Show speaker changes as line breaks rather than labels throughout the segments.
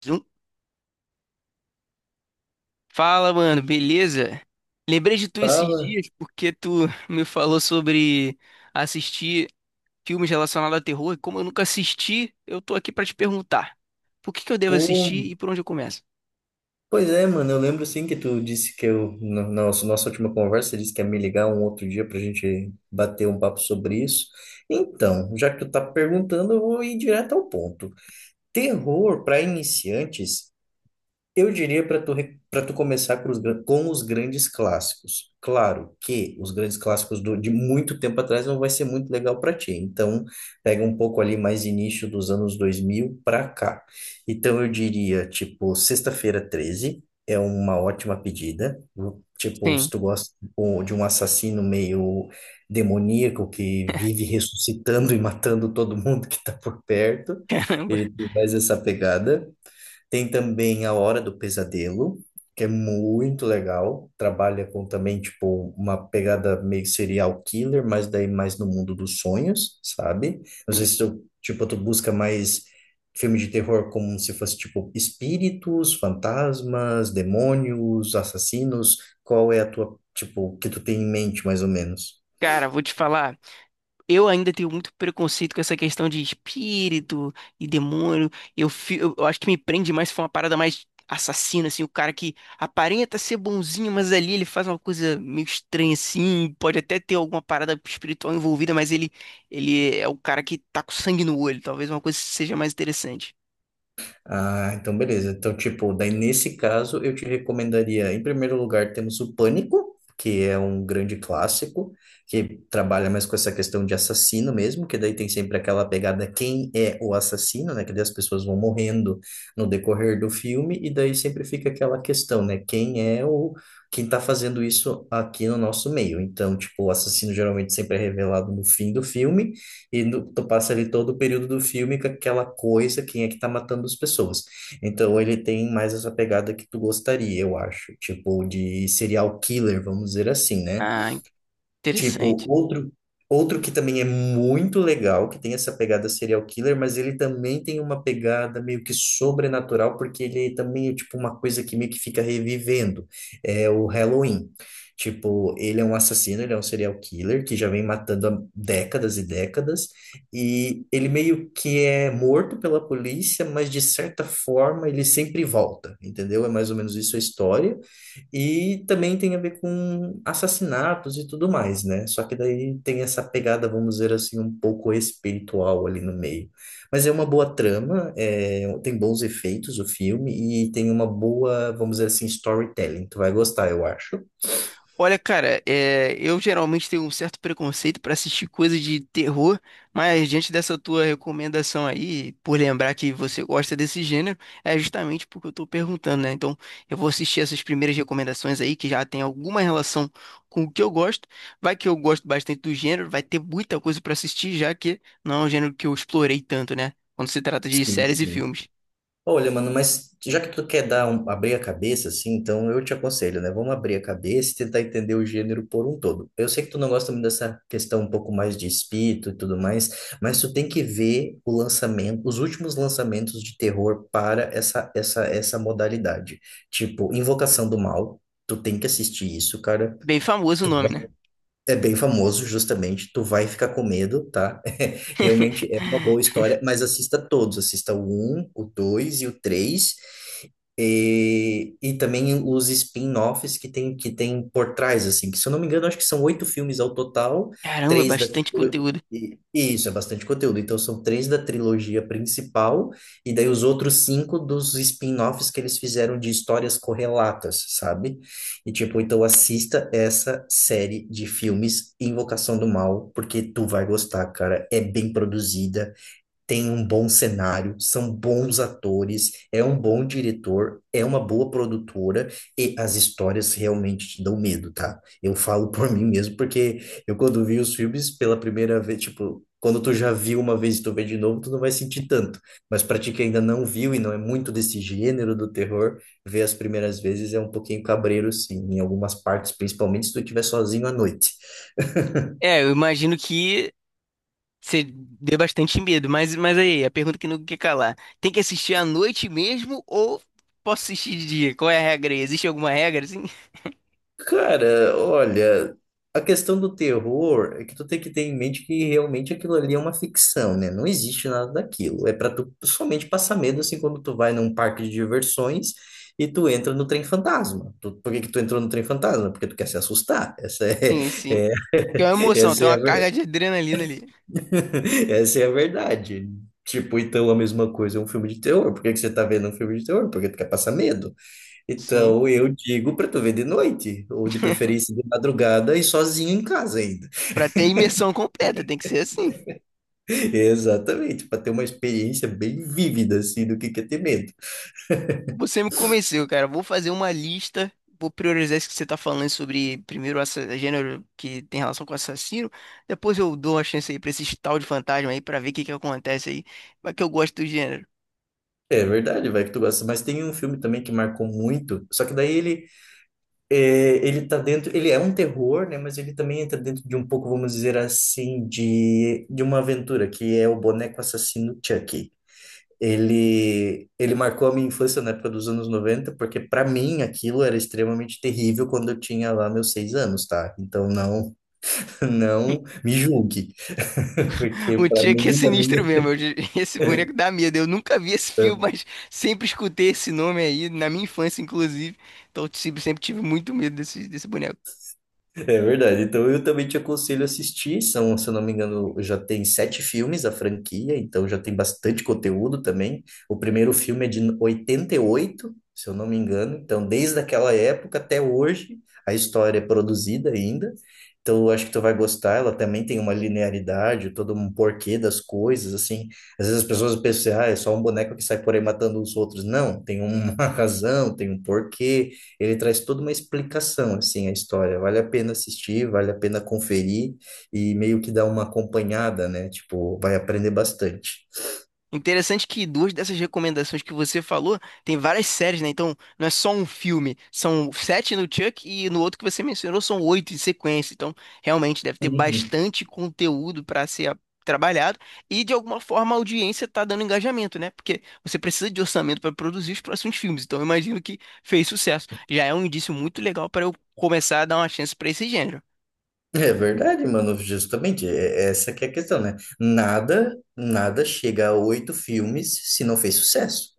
Zum- Fala, mano, beleza? Lembrei de tu esses
Tava.
dias porque tu me falou sobre assistir filmes relacionados a terror e como eu nunca assisti, eu tô aqui pra te perguntar. Por que que eu devo
Pô,
assistir e por onde eu começo?
pois é, mano. Eu lembro sim que tu disse que eu, nossa última conversa, disse que ia me ligar um outro dia pra gente bater um papo sobre isso. Então, já que tu tá perguntando, eu vou ir direto ao ponto. Terror para iniciantes. Eu diria pra tu começar com com os grandes clássicos. Claro que os grandes clássicos de muito tempo atrás não vai ser muito legal para ti. Então, pega um pouco ali mais início dos anos 2000 para cá. Então, eu diria, tipo, Sexta-feira Treze é uma ótima pedida. Tipo, se
Sim.
tu gosta tipo, de um assassino meio demoníaco que vive ressuscitando e matando todo mundo que tá por perto,
Caramba.
ele tem mais essa pegada. Tem também A Hora do Pesadelo, que é muito legal. Trabalha com também, tipo, uma pegada meio serial killer, mas daí mais no mundo dos sonhos, sabe? Não sei
Sim.
se tu, tipo, tu busca mais filme de terror como se fosse, tipo, espíritos, fantasmas, demônios, assassinos. Qual é a tua, tipo, que tu tem em mente, mais ou menos?
Cara, vou te falar. Eu ainda tenho muito preconceito com essa questão de espírito e demônio. Eu acho que me prende mais se for uma parada mais assassina, assim, o cara que aparenta ser bonzinho, mas ali ele faz uma coisa meio estranha, assim, pode até ter alguma parada espiritual envolvida, mas ele é o cara que tá com sangue no olho. Talvez uma coisa seja mais interessante.
Ah, então beleza. Então, tipo, daí nesse caso eu te recomendaria, em primeiro lugar, temos o Pânico, que é um grande clássico, que trabalha mais com essa questão de assassino mesmo, que daí tem sempre aquela pegada quem é o assassino, né? Que daí as pessoas vão morrendo no decorrer do filme, e daí sempre fica aquela questão, né? Quem é o Quem tá fazendo isso aqui no nosso meio? Então, tipo, o assassino geralmente sempre é revelado no fim do filme e tu passa ali todo o período do filme com aquela coisa, quem é que tá matando as pessoas. Então ele tem mais essa pegada que tu gostaria, eu acho, tipo de serial killer, vamos dizer assim, né?
Ah,
Tipo,
interessante.
outro que também é muito legal, que tem essa pegada serial killer, mas ele também tem uma pegada meio que sobrenatural, porque ele também é tipo uma coisa que meio que fica revivendo. É o Halloween. Tipo, ele é um assassino, ele é um serial killer que já vem matando há décadas e décadas, e ele meio que é morto pela polícia, mas de certa forma ele sempre volta, entendeu? É mais ou menos isso a história. E também tem a ver com assassinatos e tudo mais, né? Só que daí tem essa pegada, vamos dizer assim, um pouco espiritual ali no meio. Mas é uma boa trama, é, tem bons efeitos o filme e tem uma boa, vamos dizer assim, storytelling. Tu vai gostar, eu acho.
Olha, cara, é, eu geralmente tenho um certo preconceito para assistir coisas de terror, mas diante dessa tua recomendação aí, por lembrar que você gosta desse gênero, é justamente porque eu tô perguntando, né? Então, eu vou assistir essas primeiras recomendações aí que já tem alguma relação com o que eu gosto. Vai que eu gosto bastante do gênero, vai ter muita coisa para assistir, já que não é um gênero que eu explorei tanto, né? Quando se trata de
Sim,
séries e
sim.
filmes.
Olha, mano, mas já que tu quer dar um, abrir a cabeça, assim, então eu te aconselho, né? Vamos abrir a cabeça e tentar entender o gênero por um todo. Eu sei que tu não gosta muito dessa questão um pouco mais de espírito e tudo mais, mas tu tem que ver o lançamento, os últimos lançamentos de terror para essa modalidade. Tipo, Invocação do Mal, tu tem que assistir isso, cara.
Bem famoso o nome, né?
É bem famoso, justamente. Tu vai ficar com medo, tá? Realmente é uma boa história, mas assista todos. Assista o um, o 2 e o três. E também os spin-offs que tem por trás, assim. Que, se eu não me engano, acho que são oito filmes ao total.
Caramba,
Três da...
bastante
trilo-
conteúdo.
e isso, é bastante conteúdo. Então, são três da trilogia principal. E daí os outros cinco dos spin-offs que eles fizeram de histórias correlatas, sabe? E tipo, então assista essa série de filmes Invocação do Mal, porque tu vai gostar, cara. É bem produzida, tem um bom cenário, são bons atores, é um bom diretor, é uma boa produtora e as histórias realmente te dão medo, tá? Eu falo por mim mesmo, porque eu quando vi os filmes pela primeira vez, tipo, quando tu já viu uma vez e tu vê de novo, tu não vai sentir tanto. Mas pra ti que ainda não viu e não é muito desse gênero do terror, ver as primeiras vezes é um pouquinho cabreiro, sim, em algumas partes, principalmente se tu estiver sozinho à noite.
É, eu imagino que você deu bastante medo, mas aí, a pergunta que não quer calar. Tem que assistir à noite mesmo ou posso assistir de dia? Qual é a regra aí? Existe alguma regra, assim?
Cara, olha, a questão do terror é que tu tem que ter em mente que realmente aquilo ali é uma ficção, né? Não existe nada daquilo. É pra tu somente passar medo assim quando tu vai num parque de diversões e tu entra no trem fantasma. Por que que tu entrou no trem fantasma? Porque tu quer se assustar.
Sim, sim.
É-
Que é uma emoção,
essa
tem
é
uma
a,
carga
ver-
de adrenalina ali.
essa é a verdade. Tipo, então a mesma coisa é um filme de terror. Por que que você tá vendo um filme de terror? Porque tu quer passar medo.
Sim.
Então eu digo para tu ver de noite, ou de preferência de madrugada e sozinho em casa ainda.
Pra ter imersão completa, tem que ser assim.
Exatamente, para ter uma experiência bem vívida assim do que é ter medo.
Você me convenceu, cara. Vou fazer uma lista, vou priorizar isso que você tá falando sobre primeiro o assa- gênero que tem relação com assassino. Depois eu dou uma chance aí pra esse tal de fantasma aí, pra ver o que que acontece aí. Mas que eu gosto do gênero.
É verdade, vai que tu gosta. Mas tem um filme também que marcou muito, só que daí ele tá dentro, ele é um terror, né? Mas ele também entra dentro de um pouco, vamos dizer assim, de uma aventura que é o Boneco Assassino Chuck. Ele marcou a minha infância na época dos anos 90 porque para mim aquilo era extremamente terrível quando eu tinha lá meus 6 anos, tá? Então não, não me julgue, porque
O
para
Chuck é
mim, na
sinistro
minha,
mesmo. Eu- esse boneco dá medo. Eu nunca vi esse filme, mas sempre escutei esse nome aí, na minha infância, inclusive. Então, eu sempre tive muito medo desse boneco.
É verdade. Então eu também te aconselho a assistir. São, se eu não me engano, já tem sete filmes a franquia, então já tem bastante conteúdo também. O primeiro filme é de 88, se eu não me engano. Então, desde aquela época até hoje, a história é produzida ainda. Então, eu acho que tu vai gostar. Ela também tem uma linearidade, todo um porquê das coisas, assim. Às vezes as pessoas pensam, ah, é só um boneco que sai por aí matando os outros. Não, tem uma razão, tem um porquê, ele traz toda uma explicação assim a história. Vale a pena assistir, vale a pena conferir e meio que dar uma acompanhada, né? Tipo, vai aprender bastante.
Interessante que duas dessas recomendações que você falou tem várias séries, né? Então, não é só um filme. São sete no Chuck e no outro que você mencionou são oito em sequência. Então, realmente deve ter
Uhum.
bastante conteúdo para ser a- trabalhado e, de alguma forma, a audiência está dando engajamento, né? Porque você precisa de orçamento para produzir os próximos filmes. Então, eu imagino que fez sucesso. Já é um indício muito legal para eu começar a dar uma chance para esse gênero.
É verdade, mano, justamente, é essa que é a questão, né? Nada, nada chega a oito filmes se não fez sucesso.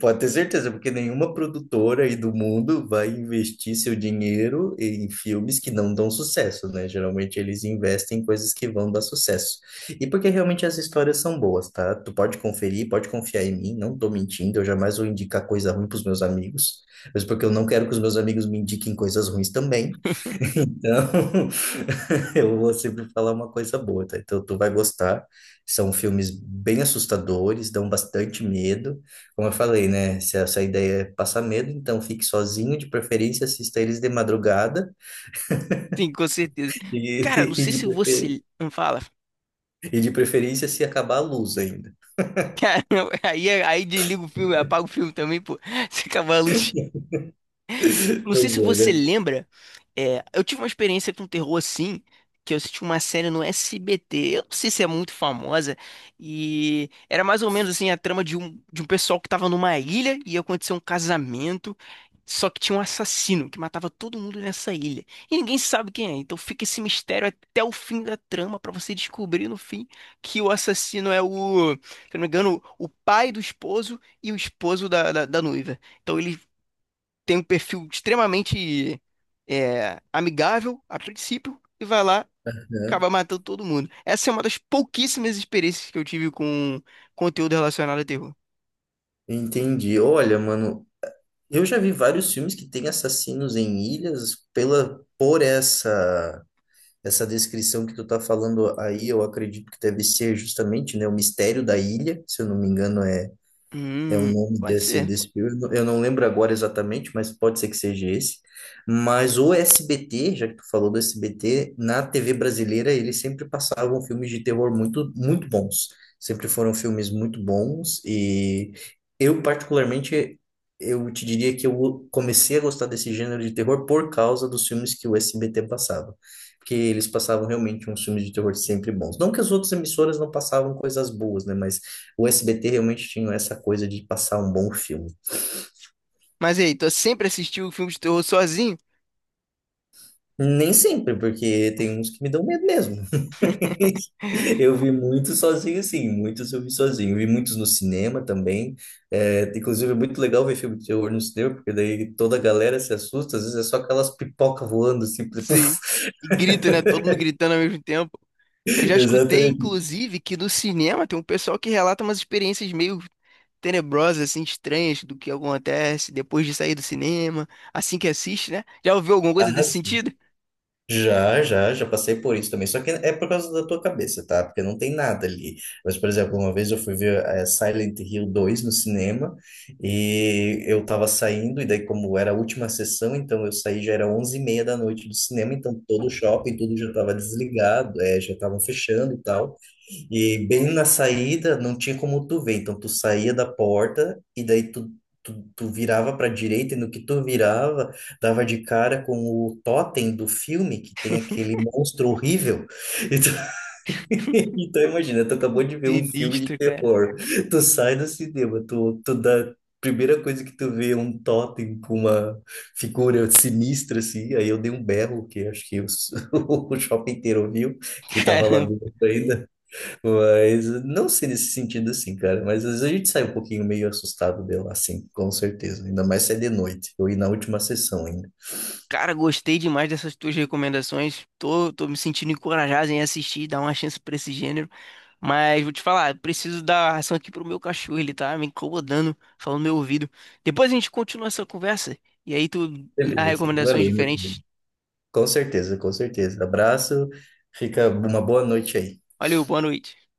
Pode ter certeza, porque nenhuma produtora aí do mundo vai investir seu dinheiro em filmes que não dão sucesso, né? Geralmente eles investem em coisas que vão dar sucesso. E porque realmente as histórias são boas, tá? Tu pode conferir, pode confiar em mim, não tô mentindo, eu jamais vou indicar coisa ruim pros meus amigos, mas porque eu não quero que os meus amigos me indiquem coisas ruins também. Então, eu vou sempre falar uma coisa boa, tá? Então tu vai gostar. São filmes bem assustadores, dão bastante medo. Como eu falei, né? Se essa ideia é passar medo, então fique sozinho, de preferência assista eles de madrugada
Sim, com certeza. Cara, não
e, e
sei
de,
se
prefer-
você. Fala.
e de preferência se acabar a luz ainda.
Cara, aí, aí desliga o filme, apaga o filme também, pô. Se acabar a luz. Não sei
Pois
se
é,
você
né?
lembra, é, eu tive uma experiência com terror assim, que eu assisti uma série no SBT, eu não sei se é muito famosa, e era mais ou menos assim a trama de um pessoal que tava numa ilha e ia acontecer um casamento, só que tinha um assassino que matava todo mundo nessa ilha. E ninguém sabe quem é, então fica esse mistério até o fim da trama pra você descobrir no fim que o assassino é o, se eu não me engano, o pai do esposo e o esposo da noiva. Então ele tem um perfil extremamente é, amigável a princípio e vai lá
Aham.
acaba matando todo mundo. Essa é uma das pouquíssimas experiências que eu tive com conteúdo relacionado a terror.
Entendi. Olha, mano, eu já vi vários filmes que tem assassinos em ilhas pela, por essa. Essa descrição que tu tá falando aí, eu acredito que deve ser justamente, né, o mistério da ilha, se eu não me engano, é o
Hum,
nome
pode
desse,
ser.
desse filme. Eu não lembro agora exatamente, mas pode ser que seja esse. Mas o SBT, já que tu falou do SBT, na TV brasileira eles sempre passavam filmes de terror muito, muito bons. Sempre foram filmes muito bons. E eu, particularmente, eu te diria que eu comecei a gostar desse gênero de terror por causa dos filmes que o SBT passava. Porque eles passavam realmente uns filmes de terror sempre bons. Não que as outras emissoras não passavam coisas boas, né? Mas o SBT realmente tinha essa coisa de passar um bom filme.
Mas e aí, tu sempre assistiu filmes de terror sozinho?
Nem sempre, porque tem uns que me dão medo mesmo. Eu vi muitos sozinho, sim, muitos eu vi sozinho. Vi muitos no cinema também. É, inclusive, é muito legal ver filme de terror no cinema, porque daí toda a galera se assusta, às vezes é só aquelas pipoca voando, assim, puf,
Sim. E grita, né? Todo mundo gritando ao mesmo tempo. Eu já escutei,
exatamente.
inclusive, que no cinema tem um pessoal que relata umas experiências meio tenebrosas, assim, estranhas do que acontece depois de sair do cinema, assim que assiste, né? Já ouviu alguma coisa
Ah,
desse
sim.
sentido?
Já passei por isso também. Só que é por causa da tua cabeça, tá? Porque não tem nada ali. Mas, por exemplo, uma vez eu fui ver Silent Hill 2 no cinema e eu tava saindo, e daí, como era a última sessão, então eu saí já era 23:30 da noite do cinema, então todo o shopping, tudo já tava desligado, já estavam fechando e tal. E bem na saída, não tinha como tu ver. Então, tu saía da porta e daí tu virava para direita e no que tu virava, dava de cara com o totem do filme, que tem aquele monstro horrível. Então, então imagina, tu acabou de ver um filme de
Sinistro, cara.
terror. Tu sai do cinema, tu dá... Primeira coisa que tu vê é um totem com uma figura sinistra, assim. Aí eu dei um berro, que acho que o shopping inteiro viu, que tava lá
Caramba.
dentro ainda. Mas não sei nesse sentido assim, cara. Mas às vezes a gente sai um pouquinho meio assustado dela, assim, com certeza. Ainda mais se é de noite. Eu ia na última sessão ainda.
Cara, gostei demais dessas tuas recomendações. Tô, tô me sentindo encorajado em assistir, dar uma chance pra esse gênero. Mas vou te falar, preciso dar ração aqui pro meu cachorro. Ele tá me incomodando, falando no meu ouvido. Depois a gente continua essa conversa. E aí tu dá
Beleza,
recomendações
valeu, meu querido.
diferentes.
Com certeza, com certeza. Abraço, fica uma boa noite aí.
Valeu, boa noite.